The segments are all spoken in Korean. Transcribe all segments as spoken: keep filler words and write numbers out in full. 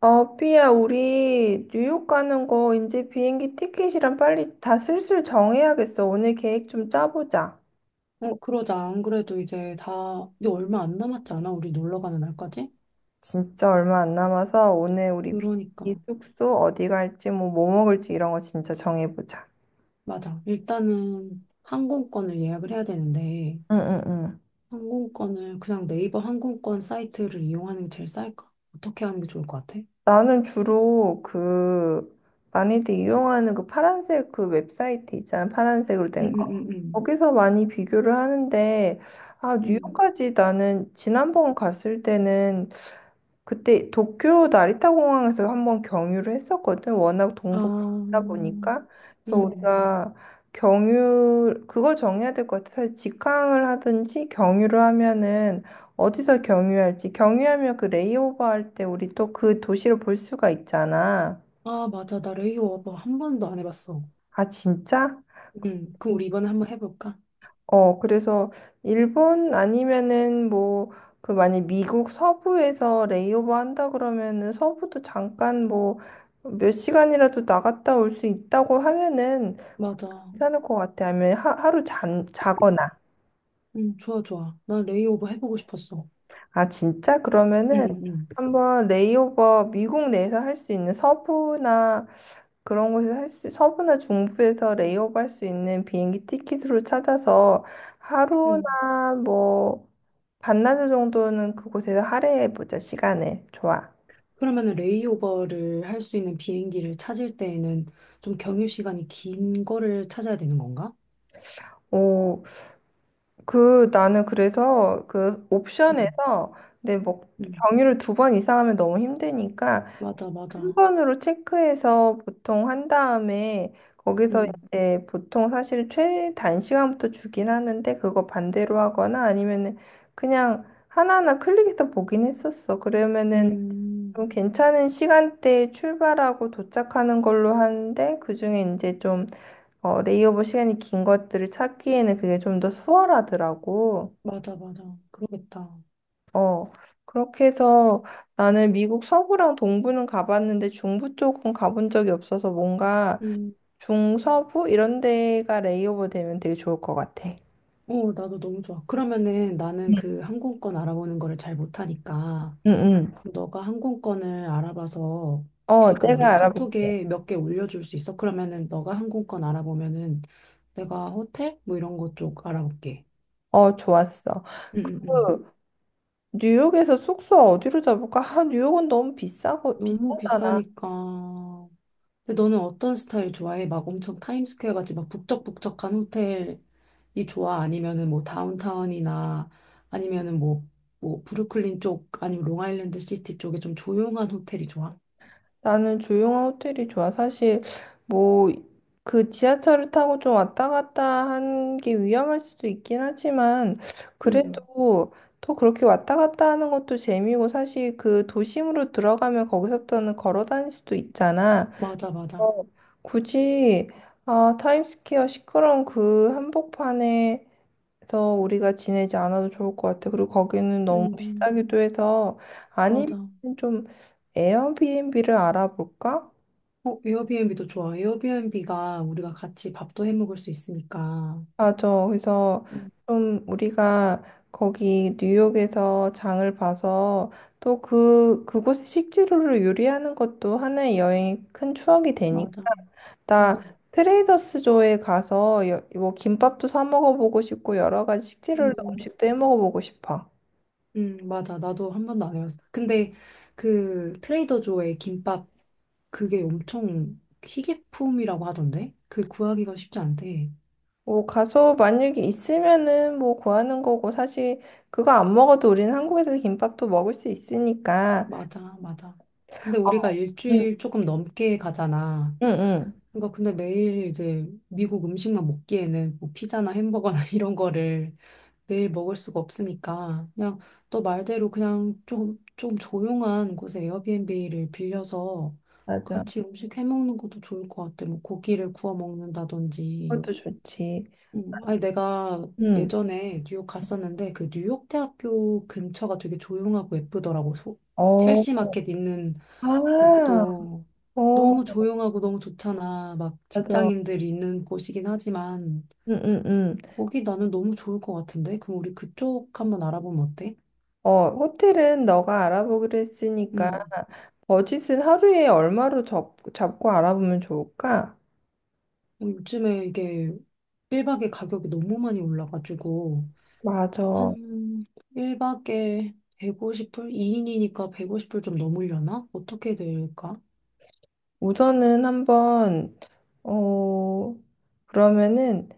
어, 삐야, 우리 뉴욕 가는 거 이제 비행기 티켓이랑 빨리 다 슬슬 정해야겠어. 오늘 계획 좀 짜보자. 어, 그러자. 안 그래도 이제 다, 근데 얼마 안 남았지 않아? 우리 놀러 가는 날까지? 진짜 얼마 안 남아서 오늘 우리 비행기 그러니까. 숙소 어디 갈지 뭐, 뭐 먹을지 이런 거 진짜 정해보자. 맞아. 일단은 항공권을 예약을 해야 되는데, 응응응. 항공권을 그냥 네이버 항공권 사이트를 이용하는 게 제일 쌀까? 어떻게 하는 게 좋을 것 같아? 응, 나는 주로 그 많이들 이용하는 그 파란색 그 웹사이트 있잖아. 파란색으로 응, 된 거. 응, 응. 거기서 많이 비교를 하는데, 아, 응. 뉴욕까지 나는 지난번 갔을 때는 그때 도쿄 나리타 공항에서 한번 경유를 했었거든. 워낙 아, 동북아다 보니까. 그래서 응. 우리가 경유, 그거 정해야 될 것 같아. 사실 직항을 하든지 경유를 하면은 어디서 경유할지. 경유하면 그 레이오버 할 때 우리 또 그 도시를 볼 수가 있잖아. 아, 맞아. 나 레이오버 한 번도 안 해봤어. 아, 진짜? 응. 그럼 우리 이번에 한번 해볼까? 어, 그래서 일본 아니면은 뭐 그 만약 미국 서부에서 레이오버 한다 그러면은 서부도 잠깐 뭐 몇 시간이라도 나갔다 올 수 있다고 하면은 맞아. 괜찮을 것 같아. 아니면 하, 하루 잔, 자거나. 응. 좋아, 좋아. 나 레이오버 해보고 싶었어. 아, 진짜? 응 그러면은 응 한번 레이오버 미국 내에서 할 수 있는 서부나 그런 곳을 할 수, 서부나 중부에서 레이업 할 수 있는 비행기 티켓으로 찾아서 응 하루나 뭐 반나절 정도는 그곳에서 할애해보자, 시간을. 좋아. 그러면은 레이오버를 할 수 있는 비행기를 찾을 때에는 좀 경유 시간이 긴 거를 찾아야 되는 건가? 오, 그, 나는 그래서 그 음, 옵션에서 내 뭐, 음, 경유를 두 번 이상 하면 너무 힘드니까 맞아, 한 맞아. 번으로 체크해서 보통 한 다음에 거기서 음, 이제 보통 사실 최단 시간부터 주긴 하는데 그거 반대로 하거나 아니면은 그냥 하나하나 클릭해서 보긴 했었어. 그러면은 음, 좀 괜찮은 시간대에 출발하고 도착하는 걸로 하는데 그중에 이제 좀 어, 레이오버 시간이 긴 것들을 찾기에는 그게 좀 더 수월하더라고. 맞아, 맞아. 그러겠다. 어, 그렇게 해서 나는 미국 서부랑 동부는 가봤는데 중부 쪽은 가본 적이 없어서 뭔가 음, 중서부 이런 데가 레이오버 되면 되게 좋을 것 같아. 어, 나도 너무 좋아. 그러면은 나는 음. 그 항공권 알아보는 거를 잘 못하니까. 응, 응. 그럼 너가 항공권을 알아봐서 어, 혹시 그 우리 내가 알아볼게. 카톡에 몇 개 올려줄 수 있어? 그러면은 너가 항공권 알아보면은 내가 호텔? 뭐 이런 거 쪽 알아볼게. 어, 좋았어. 응, 응, 응. 그, 뉴욕에서 숙소 어디로 잡을까? 아, 뉴욕은 너무 비싸고, 너무 비싸잖아. 비싸니까. 근데 너는 어떤 스타일 좋아해? 막 엄청 타임스퀘어 같이 막 북적북적한 호텔이 좋아? 아니면은 뭐 다운타운이나 아니면은 뭐, 뭐 브루클린 쪽 아니면 롱아일랜드 시티 쪽에 좀 조용한 호텔이 좋아? 나는 조용한 호텔이 좋아. 사실 뭐 그 지하철을 타고 좀 왔다 갔다 하는 게 위험할 수도 있긴 하지만 음, 그래도 또 그렇게 왔다 갔다 하는 것도 재미고 사실 그 도심으로 들어가면 거기서부터는 걸어 다닐 수도 있잖아. 맞아, 맞아. 어. 굳이 아, 타임스퀘어 시끄러운 그 한복판에 그래서 우리가 지내지 않아도 좋을 것 같아. 그리고 거기는 너무 음, 비싸기도 해서 아니면 맞아. 좀 에어비앤비를 알아볼까? 어, 에어비앤비도 좋아. 에어비앤비가 우리가 같이 밥도 해 먹을 수 있으니까. 맞아. 그래서 음, 좀 우리가 거기 뉴욕에서 장을 봐서 또 그, 그곳의 식재료를 요리하는 것도 하나의 여행의 큰 추억이 되니까. 맞아, 나 맞아. 트레이더스조에 가서 여- 뭐 김밥도 사 먹어보고 싶고 여러 가지 식재료로 음, 음식도 해 먹어보고 싶어. 음, 맞아. 나도 한 번도 안 해봤어. 근데 그 트레이더 조의 김밥 그게 엄청 희귀품이라고 하던데? 그 구하기가 쉽지 않대. 뭐 가서 만약에 있으면은 뭐 구하는 거고 사실 그거 안 먹어도 우리는 한국에서 김밥도 먹을 수 있으니까 맞아, 맞아. 근데 우리가 응, 일주일 조금 넘게 가잖아. 응, 응. 그러니까 근데 매일 이제 미국 음식만 먹기에는 뭐 피자나 햄버거나 이런 거를 매일 먹을 수가 없으니까 그냥 너 말대로 그냥 좀, 좀 조용한 곳에 에어비앤비를 빌려서 맞아. 같이 음식 해 먹는 것도 좋을 것 같아. 뭐 고기를 구워 먹는다든지. 그것도 좋지. 음, 아니 내가 응. 예전에 뉴욕 갔었는데 그 뉴욕 대학교 근처가 되게 조용하고 예쁘더라고. 소, 어, 첼시 마켓 있는 아, 곳도 어, 너무 조용하고 너무 좋잖아. 막 맞아. 직장인들이 있는 곳이긴 하지만 응, 응, 응. 거기 나는 너무 좋을 것 같은데? 그럼 우리 그쪽 한번 알아보면 어때? 어, 호텔은 너가 알아보기로 했으니까 음, 버짓은 하루에 얼마로 잡, 잡고 알아보면 좋을까? 어, 요즘에 이게 일 박에 가격이 너무 많이 올라가지고, 맞아. 한 일 박에 백오십 불? 이 인이니까 백오십 불 좀 넘으려나? 어떻게 될까? 우선은 한번 어 그러면은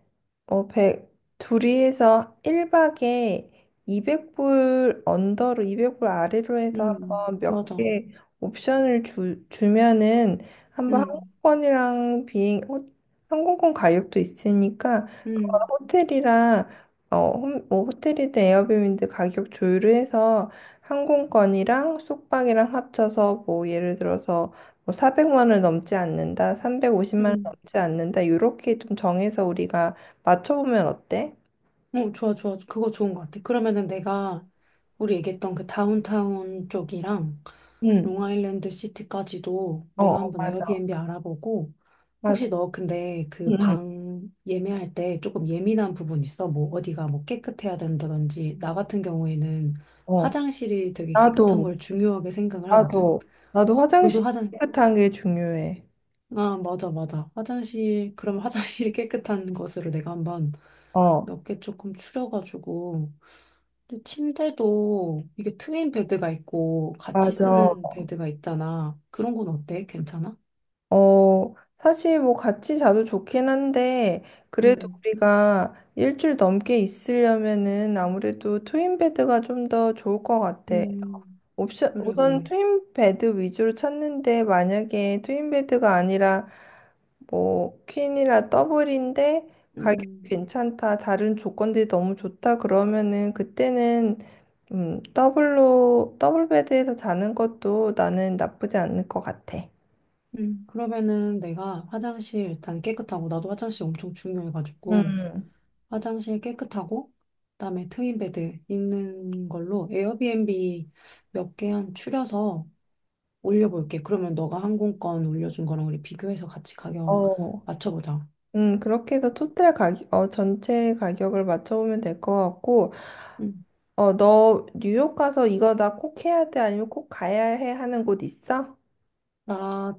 어 백 둘이 해서 일 박에 이백 불 언더로 이백 불 아래로 해서 음, 한번 몇 맞아. 개 옵션을 주, 주면은 한번 음, 항공권이랑 비행 호, 항공권 가격도 있으니까 그거 음, 호텔이랑 어, 홈- 뭐 호텔이든 에어비앤비 가격 조율을 해서 항공권이랑 숙박이랑 합쳐서 뭐 예를 들어서 뭐 사백만 원을 넘지 않는다, 삼백오십만 원을 음. 넘지 않는다, 요렇게 좀 정해서 우리가 맞춰보면 어때? 어, 좋아, 좋아. 그거 좋은 것 같아. 그러면은 내가 우리 얘기했던 그 다운타운 쪽이랑 응, 롱아일랜드 시티까지도 어, 내가 어, 한번 맞아, 에어비앤비 알아보고, 맞아. 혹시 너 근데 응, 그 응, 방 예매할 때 조금 예민한 부분 있어? 뭐 어디가 뭐 깨끗해야 된다든지 나 같은 경우에는 어. 화장실이 되게 깨끗한 나도, 걸 중요하게 생각을 하거든. 나도, 나도 화장실 너도 화장. 깨끗한 게 중요해. 아 맞아 맞아 화장실 그럼 화장실이 깨끗한 것으로 내가 한번 어, 몇 개 조금 추려가지고 근데 침대도 이게 트윈 베드가 있고 같이 맞아. 쓰는 베드가 있잖아. 그런 건 어때? 괜찮아? 어, 사실 뭐 같이 자도 좋긴 한데, 그래도 음, 우리가 일주일 넘게 있으려면은 아무래도 트윈베드가 좀 더 좋을 것 같아. 음, 옵션, 그래, 우선 그래. 트윈 베드 위주로 찾는데 만약에 트윈 베드가 아니라 뭐 퀸이라 더블인데 가격이 음. 괜찮다, 다른 조건들이 너무 좋다 그러면은 그때는 음, 더블로 더블 베드에서 자는 것도 나는 나쁘지 않을 것 같아. 음, 그러면은 내가 화장실 일단 깨끗하고, 나도 화장실 엄청 중요해가지고, 음, 화장실 깨끗하고, 그다음에 트윈베드 있는 걸로 에어비앤비 몇 개 한 추려서 올려볼게. 그러면 너가 항공권 올려준 거랑 우리 비교해서 같이 가격 어, 맞춰보자. 음, 그렇게 해서 토탈 가격, 어, 전체 가격을 맞춰보면 될 것 같고, 음. 어, 너 뉴욕 가서 이거 나 꼭 해야 돼? 아니면 꼭 가야 해? 하는 곳 있어? 나,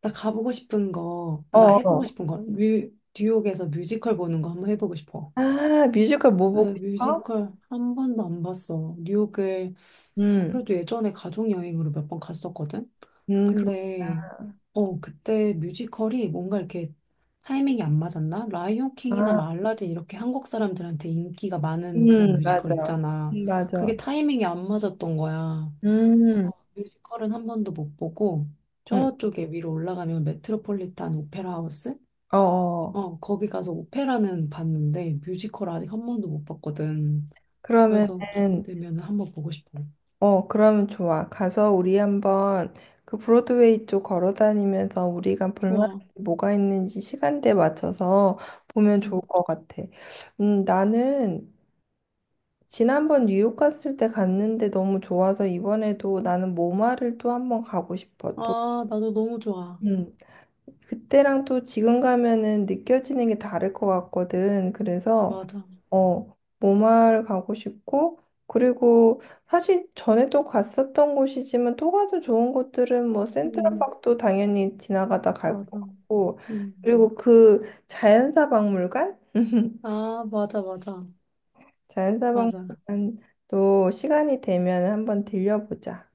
나 가보고 싶은 거, 아, 나 어. 해보고 어. 싶은 거, 뉴, 뉴욕에서 뮤지컬 보는 거 한번 해보고 싶어. 아, 뮤지컬 뭐 나 보고 싶어? 뮤지컬 한 번도 안 봤어. 뉴욕을 음. 그래도 예전에 가족 여행으로 몇 번 갔었거든. 음, 그렇구나. 근데 어 그때 뮤지컬이 뭔가 이렇게 타이밍이 안 맞았나? 라이온 킹이나 아, 막 알라딘 이렇게 한국 사람들한테 인기가 많은 그런 음, 뮤지컬 맞아. 있잖아. 음, 맞아. 그게 타이밍이 안 맞았던 거야. 음. 뮤지컬은 한 번도 못 보고 음. 저쪽에 위로 올라가면 메트로폴리탄 오페라 하우스? 어. 어. 어, 거기 가서 오페라는 봤는데 뮤지컬 아직 한 번도 못 봤거든. 그래서 그러면은 기회되면 한 번 보고 싶어. 어, 그러면 좋아. 가서 우리 한번 그 브로드웨이 쪽 걸어 다니면서 우리가 볼만한 좋아. 게 뭐가 있는지 시간대에 맞춰서 보면 좋을 음. 것 같아. 음, 나는 지난번 뉴욕 갔을 때 갔는데 너무 좋아서 이번에도 나는 모마를 또 한번 가고 싶어. 또. 아, 나도 너무 좋아. 음. 그때랑 또 지금 가면은 느껴지는 게 다를 것 같거든. 그래서 맞아. 어, 모마를 가고 싶고, 그리고 사실 전에 또 갔었던 곳이지만 또 가도 좋은 곳들은 뭐 음, 센트럴park도 당연히 지나가다 갈 것 맞아. 같고, 음. 그리고 그 자연사 박물관? 아, 맞아, 맞아. 자연사 맞아. 박물관도 시간이 되면 한번 들려보자.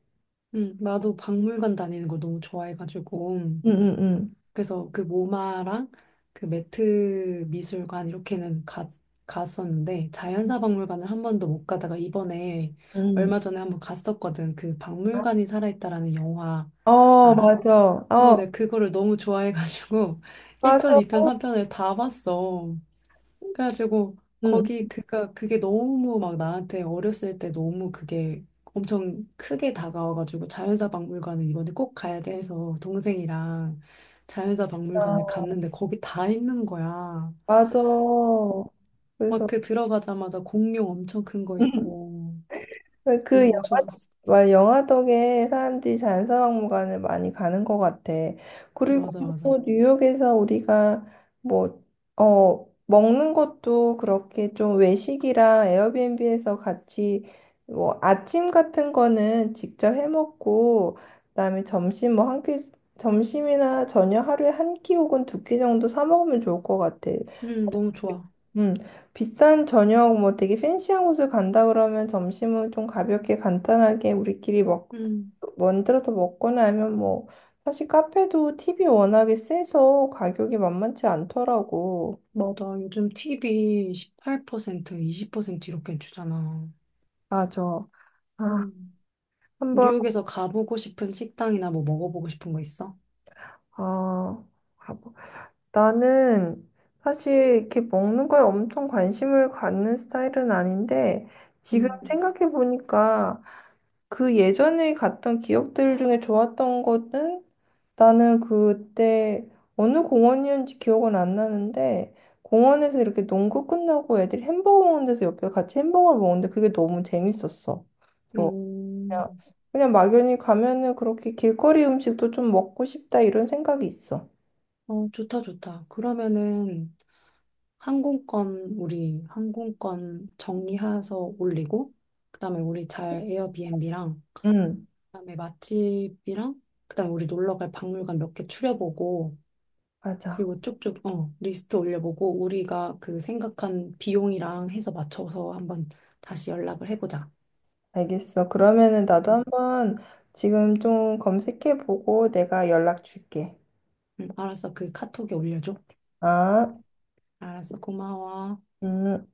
음, 나도 박물관 다니는 걸 너무 좋아해가지고. 응, 응, 응. 그래서 그 모마랑 그 매트 미술관 이렇게는 가, 갔었는데, 자연사 박물관을 한 번도 못 가다가 이번에 얼마 전에 한번 갔었거든. 그 박물관이 살아있다라는 영화 응. 어, 알아? 맞아. 어, 어, 내가 그거를 너무 좋아해가지고 맞아. 일 편, 이 편, 삼 편을 다 봤어. 그래가지고 응. 거기 그가 그게 너무 막 나한테 어렸을 때 너무 그게 엄청 크게 다가와가지고 자연사 박물관을 이번에 꼭 가야 돼 해서 동생이랑 자연사 박물관을 갔는데 거기 다 있는 거야. 맞아. 막 그래서 그 들어가자마자 공룡 엄청 큰 거 있고 그 너무 영화, 좋았어. 와, 영화 덕에 사람들이 자연사박물관을 많이 가는 것 같아. 그리고 맞아 맞아. 또 뉴욕에서 우리가 뭐, 어, 먹는 것도 그렇게 좀 외식이랑 에어비앤비에서 같이 뭐 아침 같은 거는 직접 해 먹고, 그다음에 점심 뭐 한 끼, 점심이나 저녁 하루에 한 끼 혹은 두 끼 정도 사 먹으면 좋을 것 같아. 음 너무 좋아. 음, 비싼 저녁 뭐 되게 팬시한 곳을 간다 그러면 점심은 좀 가볍게 간단하게 우리끼리 먹 음 만들어서 먹거나 하면 뭐 사실 카페도 팁이 워낙에 세서 가격이 만만치 않더라고. 맞아. 요즘 티비 십팔 퍼센트 이십 퍼센트 이렇게 주잖아. 맞아. 아, 음. 한번 뉴욕에서 가보고 싶은 식당이나 뭐 먹어보고 싶은 거 있어? 어 가보. 나는 사실 이렇게 먹는 거에 엄청 관심을 갖는 스타일은 아닌데 지금 음. 생각해 보니까 그 예전에 갔던 기억들 중에 좋았던 것은 나는 그때 어느 공원이었는지 기억은 안 나는데 공원에서 이렇게 농구 끝나고 애들이 햄버거 먹는 데서 옆에 같이 햄버거를 먹는데 그게 너무 재밌었어. 그래서 어, 그냥, 그냥 막연히 가면은 그렇게 길거리 음식도 좀 먹고 싶다 이런 생각이 있어. 어, 좋다, 좋다. 그러면은 항공권, 우리 항공권 정리해서 올리고, 그다음에 우리 잘 에어비앤비랑, 응, 그다음에 맛집이랑, 그다음에 우리 놀러 갈 박물관 몇 개 추려보고, 맞아. 그리고 쭉쭉, 어, 리스트 올려보고, 우리가 그 생각한 비용이랑 해서 맞춰서 한번 다시 연락을 해보자. 알겠어. 그러면은 나도 응, 한번 지금 좀 검색해보고 내가 연락 줄게. 응, 알았어. 그 카톡에 올려줘. 아, 알았어. 고마워. 음.